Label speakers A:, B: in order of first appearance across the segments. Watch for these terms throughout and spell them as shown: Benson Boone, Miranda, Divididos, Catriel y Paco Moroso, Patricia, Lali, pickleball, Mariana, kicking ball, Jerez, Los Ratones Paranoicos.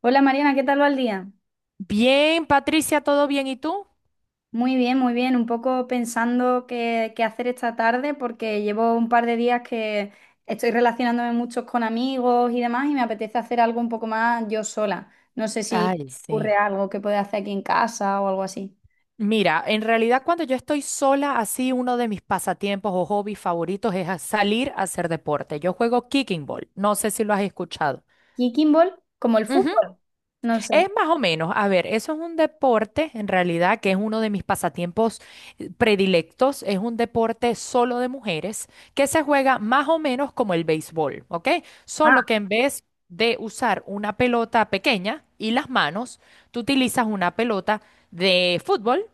A: Hola Mariana, ¿qué tal va el día?
B: Bien, Patricia, ¿todo bien? ¿Y tú?
A: Muy bien, muy bien. Un poco pensando qué hacer esta tarde porque llevo un par de días que estoy relacionándome mucho con amigos y demás y me apetece hacer algo un poco más yo sola. No sé si
B: Ay,
A: ocurre
B: sí.
A: algo que pueda hacer aquí en casa o algo así.
B: Mira, en realidad cuando yo estoy sola, así uno de mis pasatiempos o hobbies favoritos es salir a hacer deporte. Yo juego kicking ball, no sé si lo has escuchado.
A: ¿Kicking ball? ¿Como el fútbol? No sé.
B: Es más o menos, a ver, eso es un deporte en realidad que es uno de mis pasatiempos predilectos, es un deporte solo de mujeres que se juega más o menos como el béisbol, ¿ok?
A: Ah,
B: Solo que en vez de usar una pelota pequeña y las manos, tú utilizas una pelota de fútbol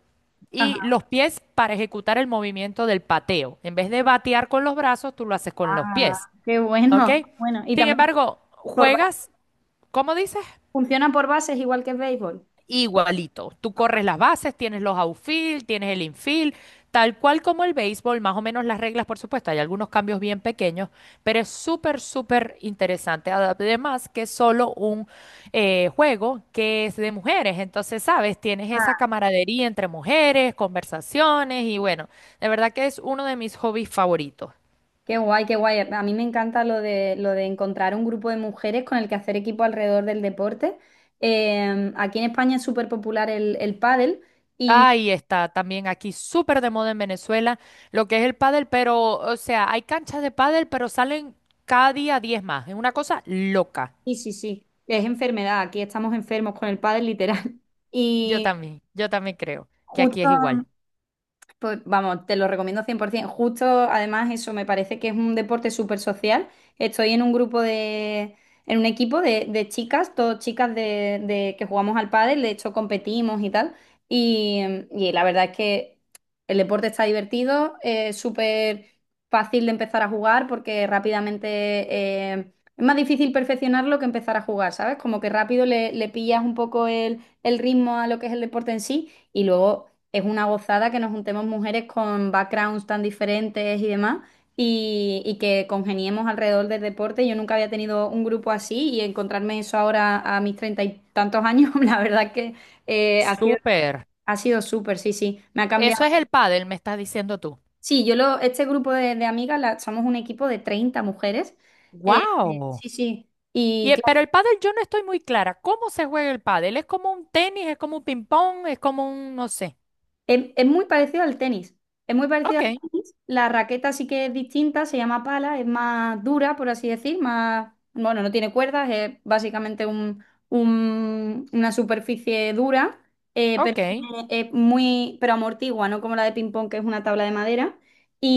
B: y
A: ajá,
B: los pies para ejecutar el movimiento del pateo. En vez de batear con los brazos, tú lo haces con los pies,
A: qué
B: ¿ok?
A: bueno. Bueno, y
B: Sin
A: también
B: embargo,
A: por ba-
B: juegas, ¿cómo dices?
A: funciona por bases igual que el béisbol.
B: Igualito. Tú corres las bases, tienes los outfield, tienes el infield, tal cual como el béisbol, más o menos las reglas, por supuesto, hay algunos cambios bien pequeños, pero es súper, súper interesante. Además que es solo un juego que es de mujeres, entonces, sabes, tienes esa camaradería entre mujeres, conversaciones y bueno, de verdad que es uno de mis hobbies favoritos.
A: Qué guay, qué guay. A mí me encanta lo de encontrar un grupo de mujeres con el que hacer equipo alrededor del deporte. Aquí en España es súper popular el pádel y,
B: Ahí está, también aquí súper de moda en Venezuela, lo que es el pádel, pero, o sea, hay canchas de pádel, pero salen cada día 10 más. Es una cosa loca.
A: y sí, sí, es enfermedad. Aquí estamos enfermos con el pádel literal. Y
B: Yo también creo que aquí
A: justo
B: es igual.
A: Pues vamos, te lo recomiendo 100%. Justo, además, eso me parece que es un deporte súper social. Estoy en un grupo de, en un equipo de chicas, todas chicas de que jugamos al pádel, de hecho competimos y tal. Y, y la verdad es que el deporte está divertido, es súper fácil de empezar a jugar porque rápidamente es más difícil perfeccionarlo que empezar a jugar, ¿sabes? Como que rápido le pillas un poco el ritmo a lo que es el deporte en sí. Y luego es una gozada que nos juntemos mujeres con backgrounds tan diferentes y demás y que congeniemos alrededor del deporte. Yo nunca había tenido un grupo así y encontrarme eso ahora a mis 30 y tantos años, la verdad que eh, ha sido,
B: Súper.
A: ha sido súper, sí, sí, me ha
B: Eso es
A: cambiado.
B: el pádel, me estás diciendo tú.
A: Sí, este grupo de amigas somos un equipo de 30 mujeres. Eh,
B: ¡Wow!
A: sí, sí.
B: Y,
A: Y
B: pero el pádel yo no estoy muy clara. ¿Cómo se juega el pádel? ¿Es como un tenis? ¿Es como un ping-pong? ¿Es como un, no sé?
A: es muy parecido al tenis. Es muy parecido
B: Ok,
A: al tenis. La raqueta sí que es distinta, se llama pala, es más dura, por así decir, más, bueno, no tiene cuerdas, es básicamente una superficie dura, pero
B: ok,
A: es muy, pero amortigua, no como la de ping pong, que es una tabla de madera.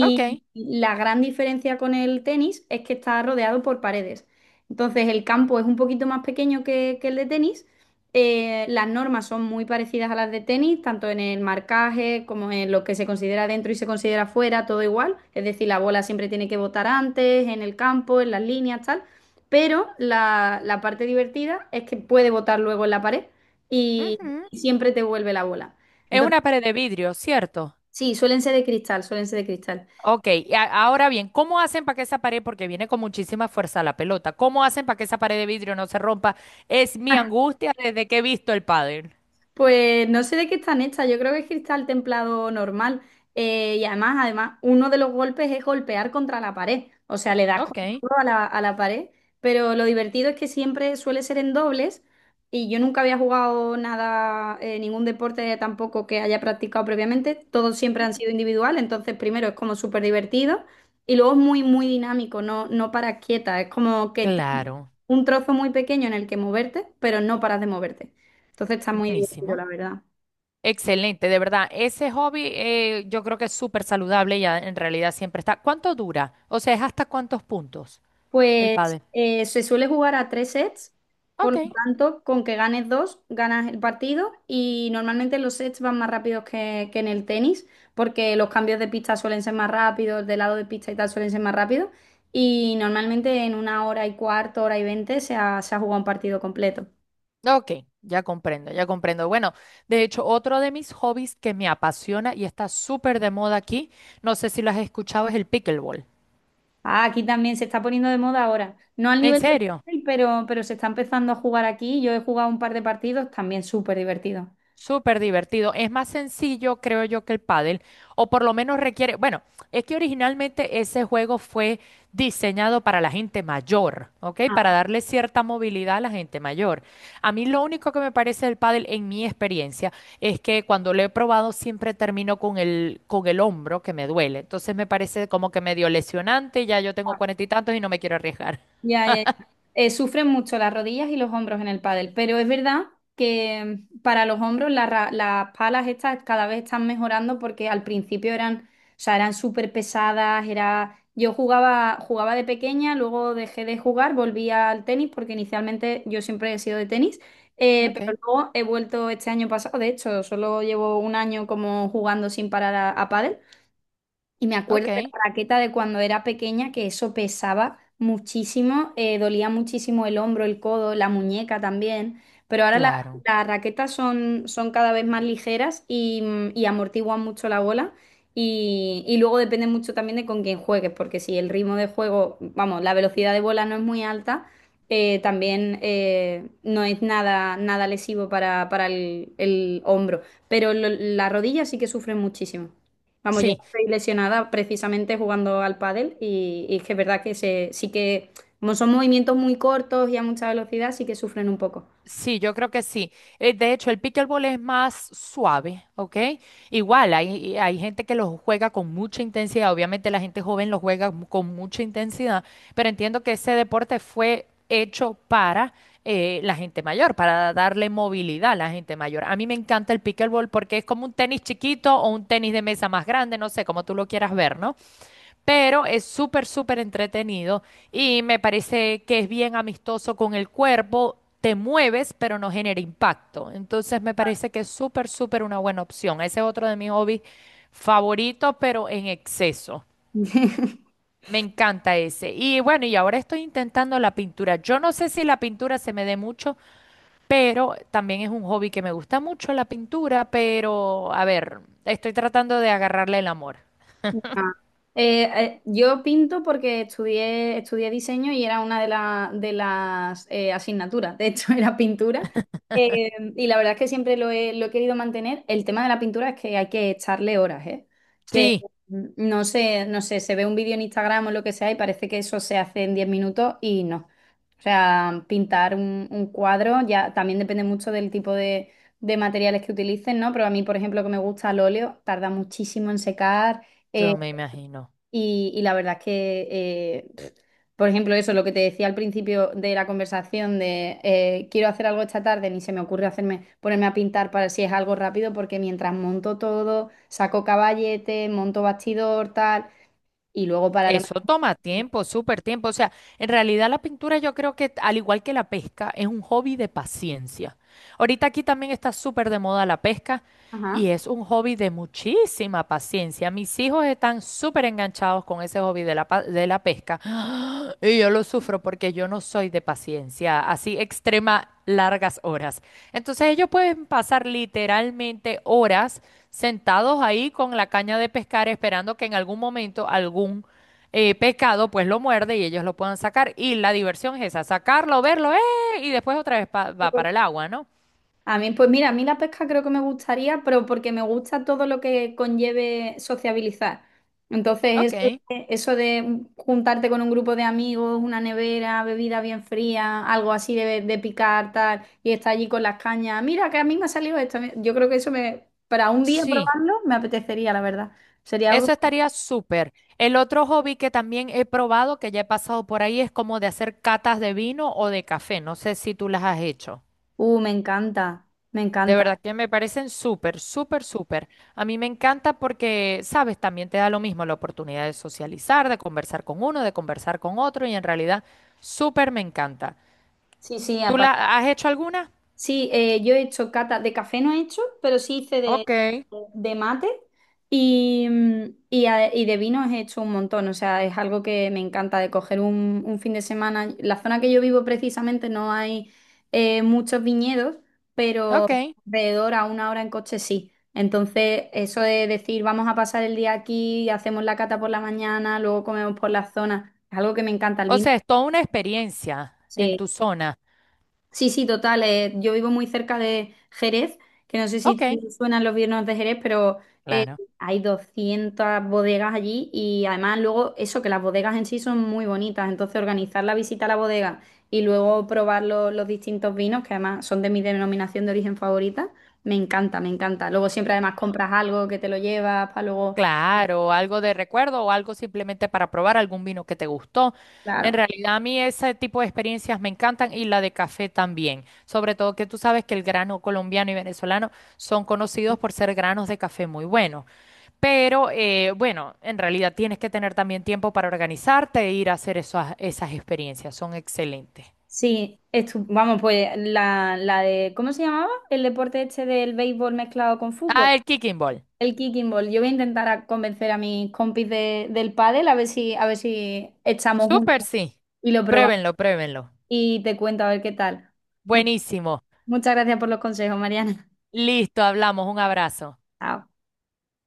B: ok.
A: la gran diferencia con el tenis es que está rodeado por paredes. Entonces el campo es un poquito más pequeño que el de tenis. Las normas son muy parecidas a las de tenis, tanto en el marcaje como en lo que se considera dentro y se considera fuera, todo igual. Es decir, la bola siempre tiene que botar antes, en el campo, en las líneas, tal. Pero la parte divertida es que puede botar luego en la pared y
B: Ujú.
A: siempre te vuelve la bola.
B: Es
A: Entonces,
B: una pared de vidrio, ¿cierto?
A: sí, suelen ser de cristal, suelen ser de cristal.
B: Ok, y ahora bien, ¿cómo hacen para que esa pared, porque viene con muchísima fuerza la pelota, ¿cómo hacen para que esa pared de vidrio no se rompa? Es mi angustia desde que he visto el pádel.
A: Pues no sé de qué están hechas, yo creo que es cristal templado normal. Y además, además, uno de los golpes es golpear contra la pared, o sea, le das con
B: Ok,
A: todo a a la pared, pero lo divertido es que siempre suele ser en dobles y yo nunca había jugado nada, ningún deporte tampoco que haya practicado previamente, todos siempre han sido individual, entonces primero es como súper divertido y luego es muy, muy dinámico, no, no paras quieta, es como que tienes
B: claro,
A: un trozo muy pequeño en el que moverte, pero no paras de moverte. Entonces está muy divertido, la
B: buenísimo.
A: verdad.
B: Excelente, de verdad. Ese hobby yo creo que es súper saludable y en realidad siempre está. ¿Cuánto dura? O sea, ¿es hasta cuántos puntos el
A: Pues
B: pádel?
A: se suele jugar a 3 sets, por
B: Ok,
A: lo tanto, con que ganes dos, ganas el partido y normalmente los sets van más rápidos que en el tenis, porque los cambios de pista suelen ser más rápidos, de lado de pista y tal suelen ser más rápidos y normalmente en una hora y cuarto, hora y veinte se ha jugado un partido completo.
B: ok, ya comprendo, ya comprendo. Bueno, de hecho, otro de mis hobbies que me apasiona y está súper de moda aquí, no sé si lo has escuchado, es el pickleball.
A: Ah, aquí también se está poniendo de moda ahora, no al
B: En
A: nivel del
B: serio,
A: tenis, pero se está empezando a jugar aquí. Yo he jugado un par de partidos, también súper divertido.
B: súper divertido. Es más sencillo, creo yo, que el pádel, o por lo menos requiere, bueno, es que originalmente ese juego fue diseñado para la gente mayor, ¿ok? Para darle cierta movilidad a la gente mayor. A mí lo único que me parece del pádel, en mi experiencia, es que cuando lo he probado siempre termino con el hombro que me duele. Entonces me parece como que medio lesionante, ya yo tengo cuarenta y tantos y no me quiero arriesgar.
A: Ya, ya, ya. Sufren mucho las rodillas y los hombros en el pádel, pero es verdad que para los hombros la las palas estas cada vez están mejorando porque al principio eran, o sea, eran súper pesadas, era... Yo jugaba, jugaba de pequeña, luego dejé de jugar, volví al tenis porque inicialmente yo siempre he sido de tenis,
B: Ok,
A: pero luego he vuelto este año pasado, de hecho, solo llevo un año como jugando sin parar a pádel y me acuerdo
B: ok,
A: de la raqueta de cuando era pequeña, que eso pesaba muchísimo, dolía muchísimo el hombro, el codo, la muñeca también, pero
B: claro.
A: las raquetas son, son cada vez más ligeras y amortiguan mucho la bola y luego depende mucho también de con quién juegues, porque si el ritmo de juego, vamos, la velocidad de bola no es muy alta, también no es nada, nada lesivo para el hombro, pero la rodilla sí que sufre muchísimo. Vamos, yo
B: Sí,
A: estoy lesionada precisamente jugando al pádel y es que es verdad sí que, como son movimientos muy cortos y a mucha velocidad, sí que sufren un poco.
B: sí, yo creo que sí. De hecho, el pickleball es más suave, ¿ok? Igual, hay gente que lo juega con mucha intensidad. Obviamente la gente joven lo juega con mucha intensidad, pero entiendo que ese deporte fue hecho para la gente mayor, para darle movilidad a la gente mayor. A mí me encanta el pickleball porque es como un tenis chiquito o un tenis de mesa más grande, no sé, como tú lo quieras ver, ¿no? Pero es súper, súper entretenido y me parece que es bien amistoso con el cuerpo. Te mueves, pero no genera impacto. Entonces me parece que es súper, súper una buena opción. Ese es otro de mis hobbies favoritos, pero en exceso. Me encanta ese. Y bueno, y ahora estoy intentando la pintura. Yo no sé si la pintura se me dé mucho, pero también es un hobby que me gusta mucho la pintura, pero a ver, estoy tratando de agarrarle el amor.
A: Ah. Yo pinto porque estudié diseño y era una de las asignaturas, de hecho era pintura. Eh, y la verdad es que siempre lo he querido mantener. El tema de la pintura es que hay que echarle horas, ¿eh? Que
B: Sí,
A: no sé, no sé, se ve un vídeo en Instagram o lo que sea y parece que eso se hace en 10 minutos y no. O sea, pintar un cuadro ya también depende mucho del tipo de materiales que utilicen, ¿no? Pero a mí, por ejemplo, que me gusta el óleo, tarda muchísimo en secar. eh,
B: yo me imagino.
A: y la verdad es que, por ejemplo, eso, lo que te decía al principio de la conversación de quiero hacer algo esta tarde, ni se me ocurre hacerme, ponerme a pintar para si es algo rápido, porque mientras monto todo, saco caballete, monto bastidor, tal, y luego para lo
B: Eso
A: mejor.
B: toma tiempo, súper tiempo. O sea, en realidad la pintura yo creo que, al igual que la pesca, es un hobby de paciencia. Ahorita aquí también está súper de moda la pesca
A: Ajá.
B: y es un hobby de muchísima paciencia. Mis hijos están súper enganchados con ese hobby de de la pesca y yo lo sufro porque yo no soy de paciencia, así extrema largas horas. Entonces ellos pueden pasar literalmente horas sentados ahí con la caña de pescar esperando que en algún momento algún pescado pues lo muerde y ellos lo puedan sacar. Y la diversión es esa, sacarlo, verlo, ¡eh! Y después otra vez va para el agua, ¿no?
A: A mí, pues mira, a mí la pesca creo que me gustaría, pero porque me gusta todo lo que conlleve sociabilizar. Entonces,
B: Ok,
A: eso de juntarte con un grupo de amigos, una nevera, bebida bien fría, algo así de picar, tal, y estar allí con las cañas. Mira, que a mí me ha salido esto. Yo creo que eso me, para un día
B: sí.
A: probarlo, me apetecería, la verdad. Sería algo.
B: Eso estaría súper. El otro hobby que también he probado, que ya he pasado por ahí, es como de hacer catas de vino o de café. No sé si tú las has hecho.
A: Me encanta, me
B: De
A: encanta.
B: verdad que me parecen súper, súper, súper. A mí me encanta porque, sabes, también te da lo mismo la oportunidad de socializar, de conversar con uno, de conversar con otro y en realidad súper me encanta.
A: Sí, sí,
B: ¿Tú
A: aparte.
B: la has hecho alguna?
A: Sí, yo he hecho cata de café, no he hecho, pero sí hice
B: Ok,
A: de mate y de vinos he hecho un montón. O sea, es algo que me encanta de coger un fin de semana. La zona que yo vivo precisamente no hay muchos viñedos, pero
B: ok.
A: alrededor a una hora en coche sí. Entonces, eso de decir vamos a pasar el día aquí, hacemos la cata por la mañana, luego comemos por la zona, es algo que me encanta el
B: O
A: vino.
B: sea, es toda una experiencia en
A: Sí.
B: tu zona.
A: Sí, sí, total. Yo vivo muy cerca de Jerez, que no sé si
B: Ok,
A: te suenan los vinos de Jerez, pero eh,
B: claro.
A: hay 200 bodegas allí y además luego eso, que las bodegas en sí son muy bonitas. Entonces organizar la visita a la bodega y luego probar los distintos vinos, que además son de mi denominación de origen favorita, me encanta, me encanta. Luego siempre además compras algo que te lo llevas para luego...
B: Claro, algo de recuerdo o algo simplemente para probar algún vino que te gustó. En
A: Claro.
B: realidad a mí ese tipo de experiencias me encantan y la de café también. Sobre todo que tú sabes que el grano colombiano y venezolano son conocidos por ser granos de café muy buenos. Pero bueno, en realidad tienes que tener también tiempo para organizarte e ir a hacer esas experiencias. Son excelentes.
A: Sí, vamos, pues ¿cómo se llamaba? El deporte este del béisbol mezclado con fútbol,
B: Ah, el kicking ball.
A: el kicking ball. Yo voy a intentar a convencer a mis compis del pádel a ver si echamos juntos
B: Súper, sí.
A: y lo probamos
B: Pruébenlo, pruébenlo.
A: y te cuento a ver qué tal. Mu-
B: Buenísimo.
A: muchas gracias por los consejos, Mariana.
B: Listo, hablamos. Un abrazo.
A: Chao.